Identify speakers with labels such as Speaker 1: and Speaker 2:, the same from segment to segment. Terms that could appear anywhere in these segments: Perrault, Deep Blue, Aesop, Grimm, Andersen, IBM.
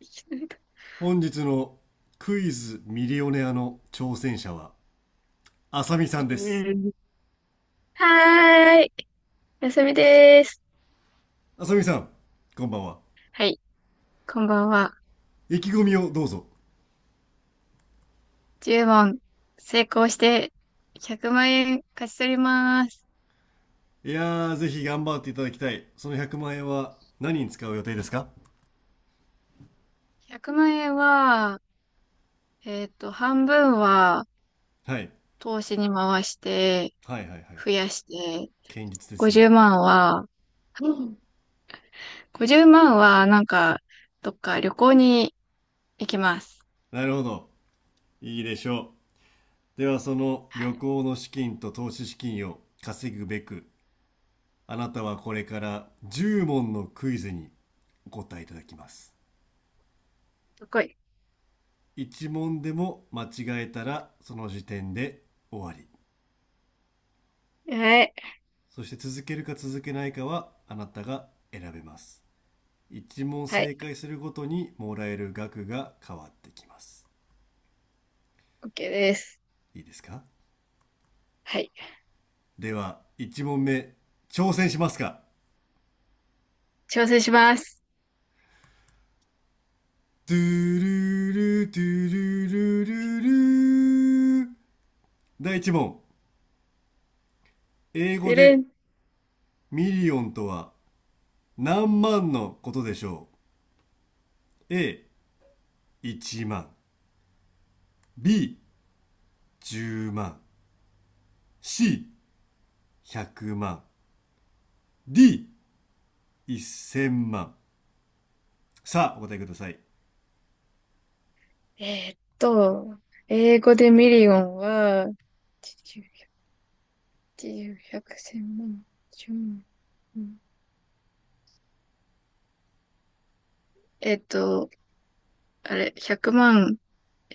Speaker 1: 本日のクイズミリオネアの挑戦者は、あさみさ
Speaker 2: う
Speaker 1: んです。
Speaker 2: ん。はーい。休みです。
Speaker 1: あさみさん、こんばんは。
Speaker 2: はい。こんばんは。
Speaker 1: 意気込みをどうぞ。
Speaker 2: 10問成功して100万円勝ち取ります。
Speaker 1: いやー、ぜひ頑張っていただきたい。その100万円は何に使う予定ですか？
Speaker 2: 100万円は、半分は
Speaker 1: はい。
Speaker 2: 投資に回して
Speaker 1: はいはいはい。
Speaker 2: 増やして、
Speaker 1: 堅実です
Speaker 2: 50
Speaker 1: ね。
Speaker 2: 万は、うん50万はなんか、どっか旅行に行きます。
Speaker 1: なるほど。いいでしょう。では、その
Speaker 2: は
Speaker 1: 旅
Speaker 2: い。
Speaker 1: 行の資金と投資資金を稼ぐべく、あなたはこれから10問のクイズにお答えいただきます。
Speaker 2: どこい。
Speaker 1: 一問でも間違えたらその時点で終わり。
Speaker 2: はい。
Speaker 1: そして続けるか続けないかはあなたが選べます。一問
Speaker 2: はい。
Speaker 1: 正解するごとにもらえる額が変わってきます。
Speaker 2: OK です。
Speaker 1: いいですか？
Speaker 2: はい。
Speaker 1: では一問目、挑戦しますか？
Speaker 2: 挑戦します。
Speaker 1: トゥルルトゥルルルルル、第一問。英語
Speaker 2: てれ
Speaker 1: で
Speaker 2: ん。
Speaker 1: ミリオンとは何万のことでしょう？ A1 万、 B10 万、 C100 万、 D1000 万。さあお答えください。
Speaker 2: えーっと、英語でミリオンは、80、100、万、1万。うんえーっと、あれ、100万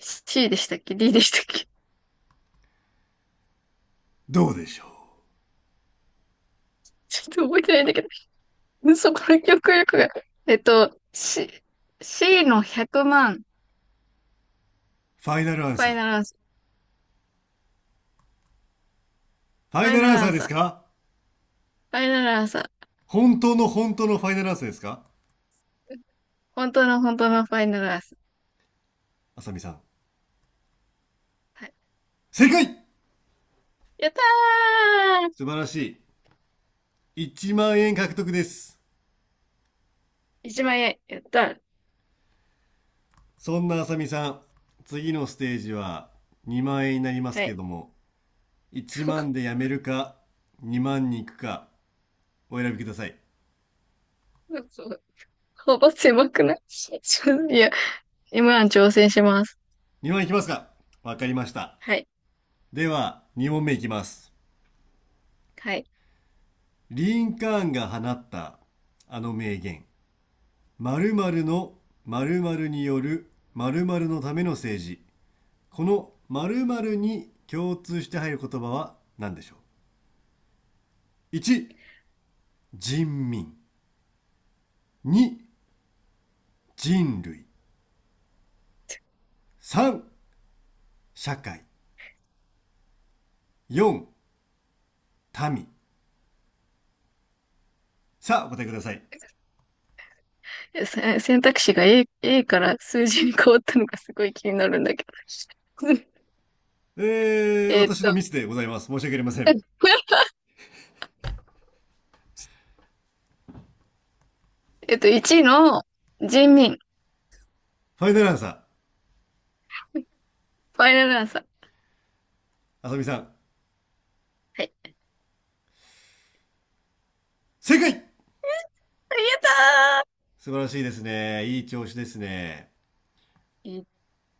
Speaker 2: C でしたっけ？ D でしたっけ？
Speaker 1: どうでしょう？
Speaker 2: ちょっと覚えてないんだけど、うんそこの記憶力が。えーっと、C、C の100万、
Speaker 1: ファイナルア
Speaker 2: フ
Speaker 1: ンサ
Speaker 2: ァ
Speaker 1: ー？
Speaker 2: イ
Speaker 1: フ
Speaker 2: ナルアンサー、フ
Speaker 1: ァイ
Speaker 2: ァイ
Speaker 1: ナル
Speaker 2: ナ
Speaker 1: ア
Speaker 2: ル
Speaker 1: ン
Speaker 2: ア
Speaker 1: サー
Speaker 2: ン
Speaker 1: で
Speaker 2: サ
Speaker 1: す
Speaker 2: ー、
Speaker 1: か？
Speaker 2: ファイナルアンサー。
Speaker 1: 本当の本当のファイナルアンサーですか？
Speaker 2: 本当の本当のファイナルアンサー。
Speaker 1: あさみさん、
Speaker 2: はい。
Speaker 1: 正解。
Speaker 2: やった
Speaker 1: 素晴らしい、1万円獲得です。
Speaker 2: ー！ 1 万円、やったー。
Speaker 1: そんなあさみさん、次のステージは2万円になります
Speaker 2: は
Speaker 1: け
Speaker 2: い。
Speaker 1: ども、1万でや めるか2万に行くか、お選びください。
Speaker 2: そう、幅狭くない？ いや、m ン挑戦します。
Speaker 1: 2万いきますか？わかりました。
Speaker 2: はい。
Speaker 1: では2問目いきます。
Speaker 2: はい。
Speaker 1: リンカーンが放ったあの名言、〇〇の〇〇による〇〇のための政治。この〇〇に共通して入る言葉は何でしょう？ 1、 人民。2、人類。3、社会。4、民。さあお答えください。
Speaker 2: 選択肢が A から数字に変わったのがすごい気になるんだけど。えーっ
Speaker 1: 私のミ
Speaker 2: と、
Speaker 1: スでございます、申し訳ありません。
Speaker 2: 1位の人民。
Speaker 1: ファイナルアンサー？
Speaker 2: ファイナルアンサー。
Speaker 1: あさみさん、
Speaker 2: はい。
Speaker 1: 正解。
Speaker 2: ありがと
Speaker 1: 素晴らしいですね、いい調子ですね。
Speaker 2: う。いい。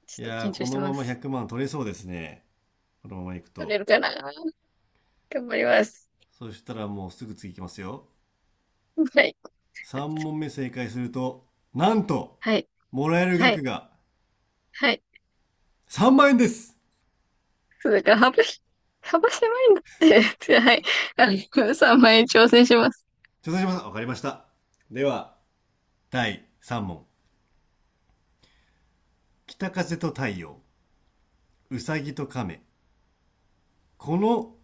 Speaker 2: ち
Speaker 1: い
Speaker 2: ょっと
Speaker 1: やー、
Speaker 2: 緊張
Speaker 1: こ
Speaker 2: して
Speaker 1: のま
Speaker 2: ま
Speaker 1: ま
Speaker 2: す。
Speaker 1: 100万取れそうですね。このままいく
Speaker 2: 取れ
Speaker 1: と。
Speaker 2: るかな。頑張ります。
Speaker 1: そしたらもうすぐ次いきますよ。
Speaker 2: はい。
Speaker 1: 3問目正解すると、なんと、
Speaker 2: はい。
Speaker 1: もらえる
Speaker 2: は
Speaker 1: 額
Speaker 2: い。
Speaker 1: が
Speaker 2: はい。
Speaker 1: 3万円です。
Speaker 2: そうだから、幅狭いんだって。はい。あの、3万円挑戦します。
Speaker 1: 挑戦します。わかりました。では、第3問。北風と太陽、うさぎと亀。この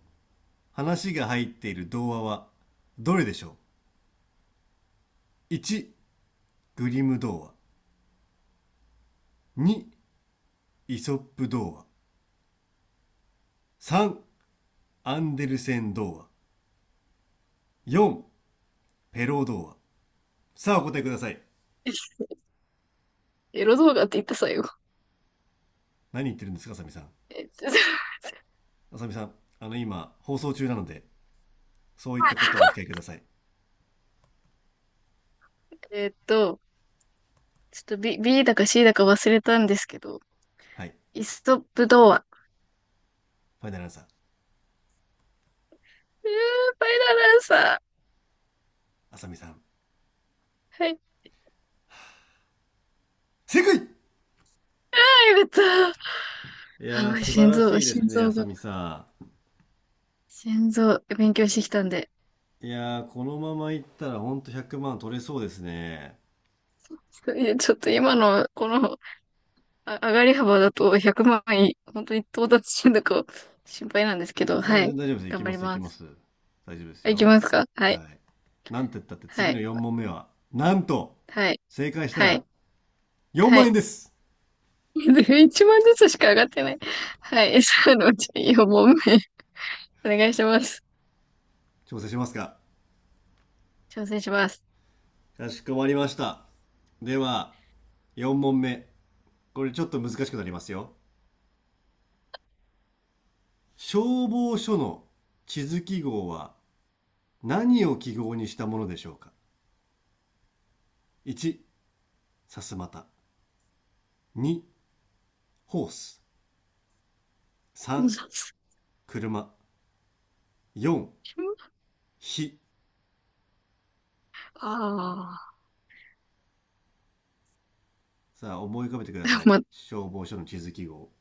Speaker 1: 話が入っている童話は、どれでしょう？ 1、グリム童話。2、イソップ童話。3、アンデルセン童話。4、ペロー童話。さあお答えください。
Speaker 2: エロ動画って言った最後。
Speaker 1: 何言ってるんですかあさみさん。
Speaker 2: えっと
Speaker 1: あさみさん、あの、今放送中なので、そういったことはお控えください。
Speaker 2: ちょっと B だか C だか忘れたんですけど、
Speaker 1: はい。
Speaker 2: イストップ童話。
Speaker 1: ファイナルアンサー？
Speaker 2: えー、バイラランサ
Speaker 1: あさみさん、
Speaker 2: ー。はい。
Speaker 1: 正解。い
Speaker 2: はい、また。
Speaker 1: やー
Speaker 2: あ、
Speaker 1: 素晴
Speaker 2: 心
Speaker 1: ら
Speaker 2: 臓、
Speaker 1: しいです
Speaker 2: 心
Speaker 1: ね、あ
Speaker 2: 臓
Speaker 1: さ
Speaker 2: が、
Speaker 1: みさ
Speaker 2: 心臓、勉強してきたんで。
Speaker 1: ん。いやーこのままいったらほんと100万取れそうですね。
Speaker 2: ちょっと今の、この、上がり幅だと100万円、本当に到達してるのか心配なんですけど、
Speaker 1: いやー
Speaker 2: は
Speaker 1: 全
Speaker 2: い。
Speaker 1: 然大丈夫です、い
Speaker 2: 頑
Speaker 1: き
Speaker 2: 張
Speaker 1: ま
Speaker 2: り
Speaker 1: すいき
Speaker 2: ま
Speaker 1: ま
Speaker 2: す。
Speaker 1: す、大丈夫です
Speaker 2: いき
Speaker 1: よ。
Speaker 2: ますか？は
Speaker 1: は
Speaker 2: い。
Speaker 1: い、なんて言ったって
Speaker 2: は
Speaker 1: 次の
Speaker 2: い。
Speaker 1: 4問目はなんと、
Speaker 2: はい。
Speaker 1: 正解した
Speaker 2: は
Speaker 1: ら
Speaker 2: い。
Speaker 1: 4
Speaker 2: は
Speaker 1: 万円
Speaker 2: い。
Speaker 1: です。
Speaker 2: 1万ずつしか上がってない。はい。そのうち4問目。お願いします。
Speaker 1: 調整しますか？
Speaker 2: 挑戦します。
Speaker 1: かしこまりました。では4問目、これちょっと難しくなりますよ。消防署の地図記号は、何を記号にしたものでしょうか？ 1、さすまた。2、ホース。3、車。4、火。
Speaker 2: ああ、
Speaker 1: さあ、思い浮かべてください。
Speaker 2: ま、
Speaker 1: 消防署の地図記号。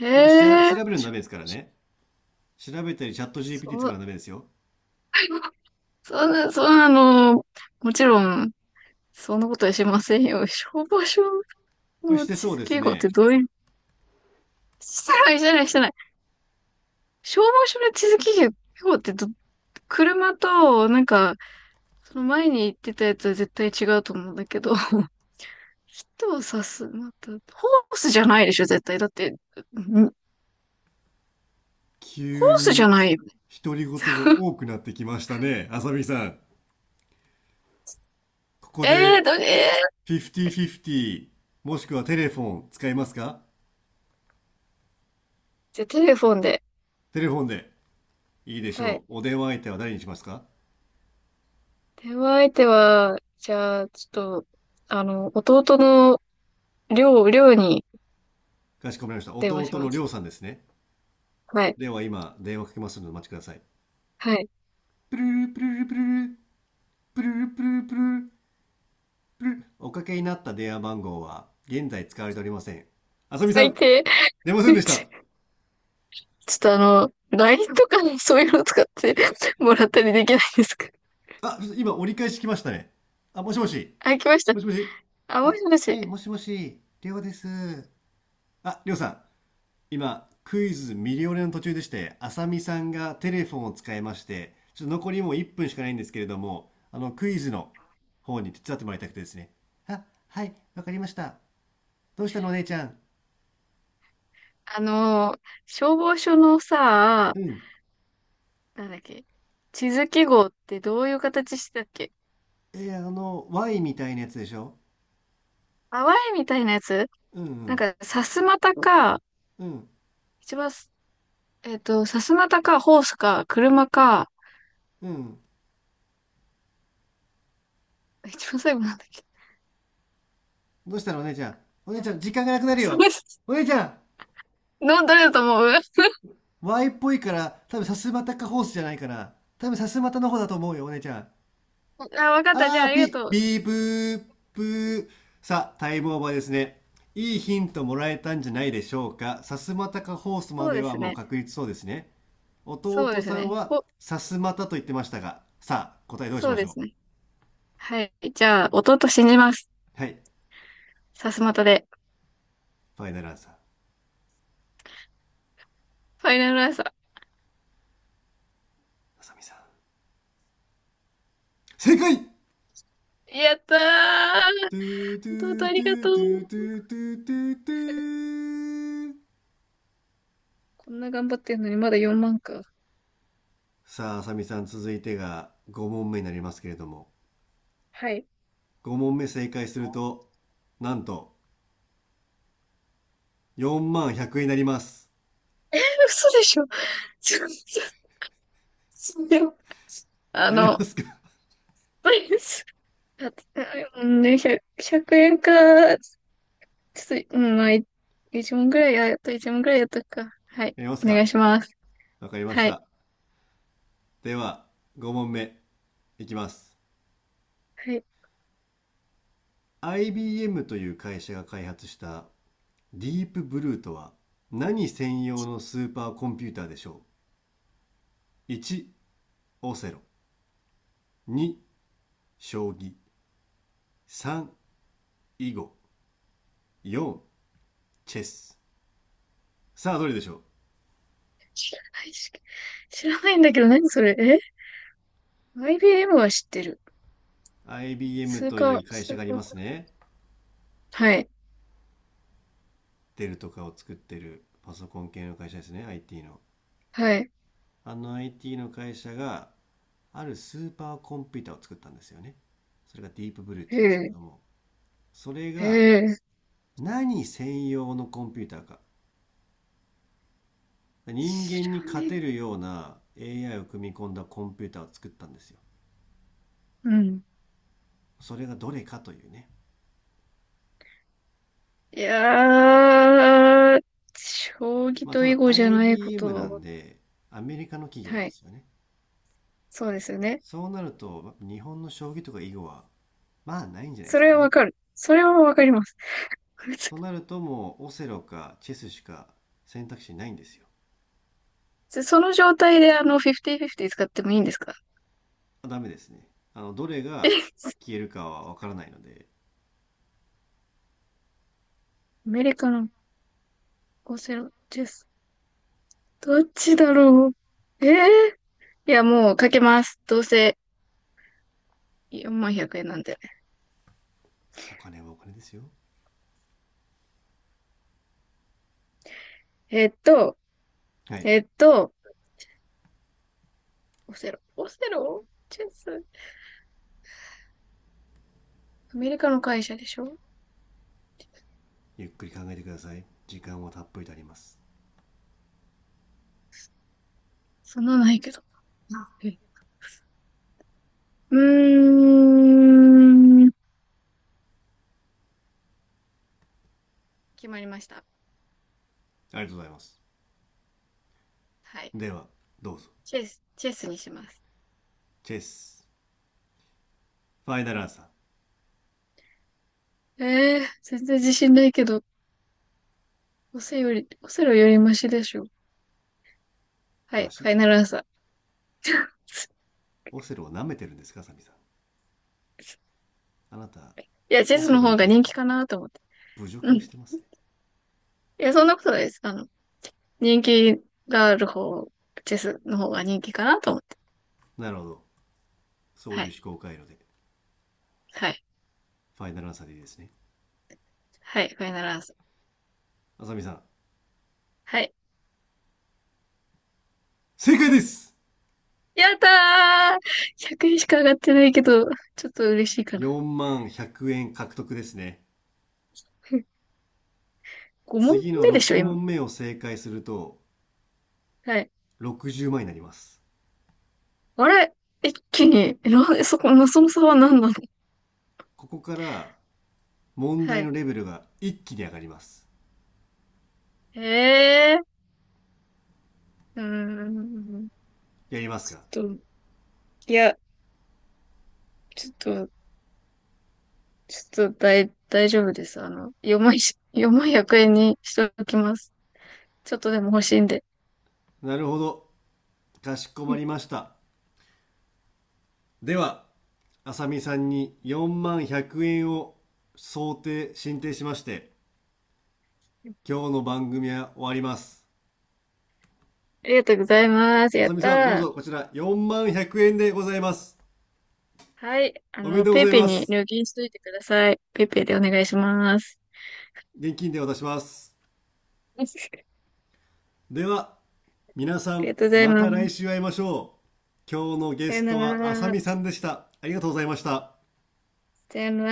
Speaker 2: へ
Speaker 1: これしら
Speaker 2: え。
Speaker 1: 調べるのダメですからね。調べたりチャット GPT
Speaker 2: そ
Speaker 1: 使う
Speaker 2: う、
Speaker 1: のダメですよ。
Speaker 2: そんな、そんなの、もちろん、そんなことはしませんよ。消防署
Speaker 1: これし
Speaker 2: の
Speaker 1: て
Speaker 2: 地
Speaker 1: そう
Speaker 2: 図
Speaker 1: です
Speaker 2: 記号って
Speaker 1: ね。
Speaker 2: どういう、してない、してない、してない。消防署の地図記号ってど、車と、なんか、その前に言ってたやつは絶対違うと思うんだけど。人を刺す。また、ホースじゃないでしょ、絶対。だって、ホー
Speaker 1: 急
Speaker 2: スじゃ
Speaker 1: に
Speaker 2: ないよ。
Speaker 1: 独り言が多くなってきましたね、あさみさん。ここ
Speaker 2: ええ
Speaker 1: で
Speaker 2: ー、
Speaker 1: 50-50もしくはテレフォン使いますか？
Speaker 2: じゃあ、テレフォンで。
Speaker 1: テレフォンで、いいでし
Speaker 2: は
Speaker 1: ょ
Speaker 2: い。
Speaker 1: う。お電話相手は誰にしますか？
Speaker 2: 電話相手は、じゃあ、ちょっと、あの、弟の、りょうに
Speaker 1: かしこまりました。
Speaker 2: 電話
Speaker 1: 弟
Speaker 2: し
Speaker 1: の
Speaker 2: ま
Speaker 1: りょ
Speaker 2: す。
Speaker 1: うさんですね。
Speaker 2: はい。
Speaker 1: では今、電話かけますのでお待ちください。
Speaker 2: はい。
Speaker 1: プルルプルルプルル、プルルプルルプルル、プルル。おかけになった電話番号は現在使われておりません。あさみさ
Speaker 2: 最
Speaker 1: ん、
Speaker 2: 低。
Speaker 1: 出ませんで した。
Speaker 2: ちょ、ちょっとあの、LINE とかのそういうの使ってもらったりできないですか？
Speaker 1: あ、今折り返し来ましたね。あ、もしもし。
Speaker 2: あ、来ました。
Speaker 1: もしもし。
Speaker 2: あ、も
Speaker 1: あ、
Speaker 2: しも
Speaker 1: は
Speaker 2: し。
Speaker 1: い、もしもし、りょうです。あ、りょうさん、今クイズミリオネの途中でして、浅見さんがテレフォンを使いまして、ちょっと残りもう1分しかないんですけれども、あのクイズの方に手伝ってもらいたくてですね。あ、はい、わかりました。どうしたのお姉ちゃん？
Speaker 2: あの、消防署のさ、
Speaker 1: うん。
Speaker 2: なんだっけ。地図記号ってどういう形してたっけ？
Speaker 1: えー、あの Y みたいなやつでしょ？
Speaker 2: 淡いみたいなやつ。
Speaker 1: うんう
Speaker 2: なん
Speaker 1: ん。
Speaker 2: か、さすまたか、
Speaker 1: うん
Speaker 2: 一番す、さすまたか、ホースか、車か、
Speaker 1: うん。
Speaker 2: 一番最後なんだっけ？
Speaker 1: どうしたのお姉ちゃん、お姉ちゃん時間がなくなる
Speaker 2: すごい、
Speaker 1: よ。お姉 ちゃん、
Speaker 2: の、どれだと思う？
Speaker 1: Y っぽいから多分さすまたかホースじゃないかな、多分さすまたの方だと思うよお姉ちゃん。
Speaker 2: あ、わかった。じゃあ、
Speaker 1: あー
Speaker 2: ありが
Speaker 1: ぴ、
Speaker 2: とう。
Speaker 1: ビーブーブー。さあ、タイムオーバーですね。いいヒントもらえたんじゃないでしょうか。さすまたかホースま
Speaker 2: そう
Speaker 1: で
Speaker 2: で
Speaker 1: は
Speaker 2: す
Speaker 1: もう
Speaker 2: ね。
Speaker 1: 確実そうですね。
Speaker 2: そう
Speaker 1: 弟
Speaker 2: です
Speaker 1: さん
Speaker 2: ね。
Speaker 1: はさすまたと言ってましたが、さあ、答えどうし
Speaker 2: そう
Speaker 1: まし
Speaker 2: で
Speaker 1: ょ
Speaker 2: すね。
Speaker 1: う。
Speaker 2: はい。じゃあ、弟信じます。
Speaker 1: はい。
Speaker 2: さすまたで。
Speaker 1: ファイナルアンサー、
Speaker 2: ファイナルアンサ
Speaker 1: あさみさん。正解、ト
Speaker 2: ー。やったー。
Speaker 1: ゥート
Speaker 2: 弟あ
Speaker 1: ゥート
Speaker 2: りが
Speaker 1: ゥ
Speaker 2: と
Speaker 1: ートゥー
Speaker 2: う。
Speaker 1: トゥートゥートゥートゥー。
Speaker 2: こんな頑張ってんのにまだ4万か。
Speaker 1: さあ、あさみさん、続いてが5問目になりますけれども、
Speaker 2: はい。
Speaker 1: 5問目正解すると、なんと、4万100円になります。
Speaker 2: 嘘でしょ。とすあ
Speaker 1: やりま
Speaker 2: の、
Speaker 1: すか？
Speaker 2: うんね、100、100円か、ちょっと、まあ、1問ぐらい、あ、やっと1問ぐらいやっとくか。はい。
Speaker 1: やります
Speaker 2: お願い
Speaker 1: か？
Speaker 2: します。
Speaker 1: わかりまし
Speaker 2: はい。
Speaker 1: た。では、5問目いきます。
Speaker 2: はい。
Speaker 1: IBM という会社が開発したディープブルーとは、何専用のスーパーコンピューターでしょう？ 1、いちオセロ。2、将棋。3、囲碁。4、チェス。さあ、どれでしょう？
Speaker 2: 知らないし、知らないんだけど、何それえ？ IBM は知ってる。
Speaker 1: IBM
Speaker 2: 数
Speaker 1: とい
Speaker 2: か、
Speaker 1: う会
Speaker 2: 数
Speaker 1: 社があり
Speaker 2: か。
Speaker 1: ますね。
Speaker 2: はい。
Speaker 1: デルとかを作ってるパソコン系の会社ですね。IT の。
Speaker 2: はい。
Speaker 1: あの IT の会社が、あるスーパーコンピューターを作ったんですよね。それがディープブルーって
Speaker 2: え
Speaker 1: 言うんですけれ
Speaker 2: え、
Speaker 1: ども、それ
Speaker 2: え
Speaker 1: が
Speaker 2: え。
Speaker 1: 何専用のコンピューターか。人
Speaker 2: 知
Speaker 1: 間に
Speaker 2: ら
Speaker 1: 勝
Speaker 2: ね
Speaker 1: て
Speaker 2: え。
Speaker 1: るような AI を組み込んだコンピューターを作ったんですよ。
Speaker 2: うん。
Speaker 1: それがどれかというね。
Speaker 2: いやー、将棋
Speaker 1: まあ
Speaker 2: と
Speaker 1: た
Speaker 2: 囲
Speaker 1: だ
Speaker 2: 碁じゃないこ
Speaker 1: IBM な
Speaker 2: と
Speaker 1: ん
Speaker 2: は、
Speaker 1: で、アメリカの企業な
Speaker 2: は
Speaker 1: んで
Speaker 2: い。
Speaker 1: すよね。
Speaker 2: そうですよね。
Speaker 1: そうなると日本の将棋とか囲碁は、まあないんじゃないで
Speaker 2: そ
Speaker 1: すか
Speaker 2: れは
Speaker 1: ね。
Speaker 2: わかる。それはわかります。
Speaker 1: と なるともうオセロかチェスしか選択肢ないんですよ。
Speaker 2: その状態であの、50-50使ってもいいんですか？
Speaker 1: ダメですね。あの、どれ
Speaker 2: え、
Speaker 1: が
Speaker 2: ア
Speaker 1: 消えるかはわからないので。
Speaker 2: メリカのオセロです。どっちだろう。えー、いや、もうかけます。どうせ4万100円なんで。
Speaker 1: お金はお金ですよ。
Speaker 2: えーっと、
Speaker 1: はい。
Speaker 2: えーっと、オセロ。オセロチェス。アメリカの会社でしょ？
Speaker 1: ゆっくり考えてください。時間はたっぷりとあります。
Speaker 2: そんなないけど。あえ、うーん。決まりました。
Speaker 1: ありがとうございます。
Speaker 2: はい。
Speaker 1: では、どうぞ。
Speaker 2: チェスにします。
Speaker 1: チェス。ファイナルアンサー。
Speaker 2: 全然自信ないけど。オセロよりマシでしょ。は
Speaker 1: マ
Speaker 2: い、フ
Speaker 1: シ。
Speaker 2: ァイナルアンサー。
Speaker 1: オセロを舐めてるんですか、サミさん。あなた、
Speaker 2: いや、チェ
Speaker 1: オ
Speaker 2: ス
Speaker 1: セ
Speaker 2: の
Speaker 1: ロに
Speaker 2: 方が
Speaker 1: 対し
Speaker 2: 人気
Speaker 1: て
Speaker 2: かなと思って。
Speaker 1: 侮
Speaker 2: う
Speaker 1: 辱
Speaker 2: ん。
Speaker 1: をし
Speaker 2: い
Speaker 1: てますね。
Speaker 2: や、そんなことないです。あの、人気がある方、チェスの方が人気かなと思って。
Speaker 1: なるほど。そう
Speaker 2: は
Speaker 1: いう
Speaker 2: い、
Speaker 1: 思考回路で、
Speaker 2: はい、
Speaker 1: ファイナルアンサーでいいですね。
Speaker 2: はい、ファイナルアンサー。
Speaker 1: あさみさん、
Speaker 2: はい。
Speaker 1: 正解です。
Speaker 2: やったー！ 100 円しか上がってないけど、ちょっと嬉しいかな。
Speaker 1: 4万100円獲得ですね。
Speaker 2: 5問
Speaker 1: 次の
Speaker 2: 目でしょ、
Speaker 1: 6
Speaker 2: 今。
Speaker 1: 問目を正解すると、
Speaker 2: はい。
Speaker 1: 60万になります。
Speaker 2: あれ、一気に、え、なんで、そこの、その差は何なの？
Speaker 1: ここから問
Speaker 2: は
Speaker 1: 題の
Speaker 2: い。
Speaker 1: レベルが一気に上がります。
Speaker 2: ええー、うーん。
Speaker 1: やります
Speaker 2: ち
Speaker 1: か？
Speaker 2: ょっと、いや、ちょっと、ちょっと大丈夫です。あの、4万、4万100円にしておきます。ちょっとでも欲しいんで。
Speaker 1: なるほど。かしこまり ました。では、あさみさんに4万100円を想定、申請しまして、今日の番組は終わります。
Speaker 2: ありがとうございます。
Speaker 1: あ
Speaker 2: やっ
Speaker 1: さみ
Speaker 2: た
Speaker 1: さん、どう
Speaker 2: ー。
Speaker 1: ぞこちら4万100円でございます。
Speaker 2: はい。あ
Speaker 1: おめ
Speaker 2: の、
Speaker 1: でとう
Speaker 2: ペ
Speaker 1: ご
Speaker 2: イ
Speaker 1: ざい
Speaker 2: ペイ
Speaker 1: ま
Speaker 2: に
Speaker 1: す。
Speaker 2: 入金しといてください。ペイペイでお願いします。
Speaker 1: 現金で渡します。では、皆さ
Speaker 2: あり
Speaker 1: ん、
Speaker 2: がとうござい
Speaker 1: ま
Speaker 2: ま
Speaker 1: た来
Speaker 2: す。
Speaker 1: 週会いましょう。今日のゲ
Speaker 2: さよ
Speaker 1: ス
Speaker 2: な
Speaker 1: トはあさ
Speaker 2: ら。
Speaker 1: みさんでした。ありがとうございました。
Speaker 2: さよな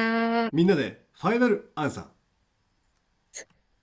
Speaker 2: ら。
Speaker 1: みんなでファイナルアンサー。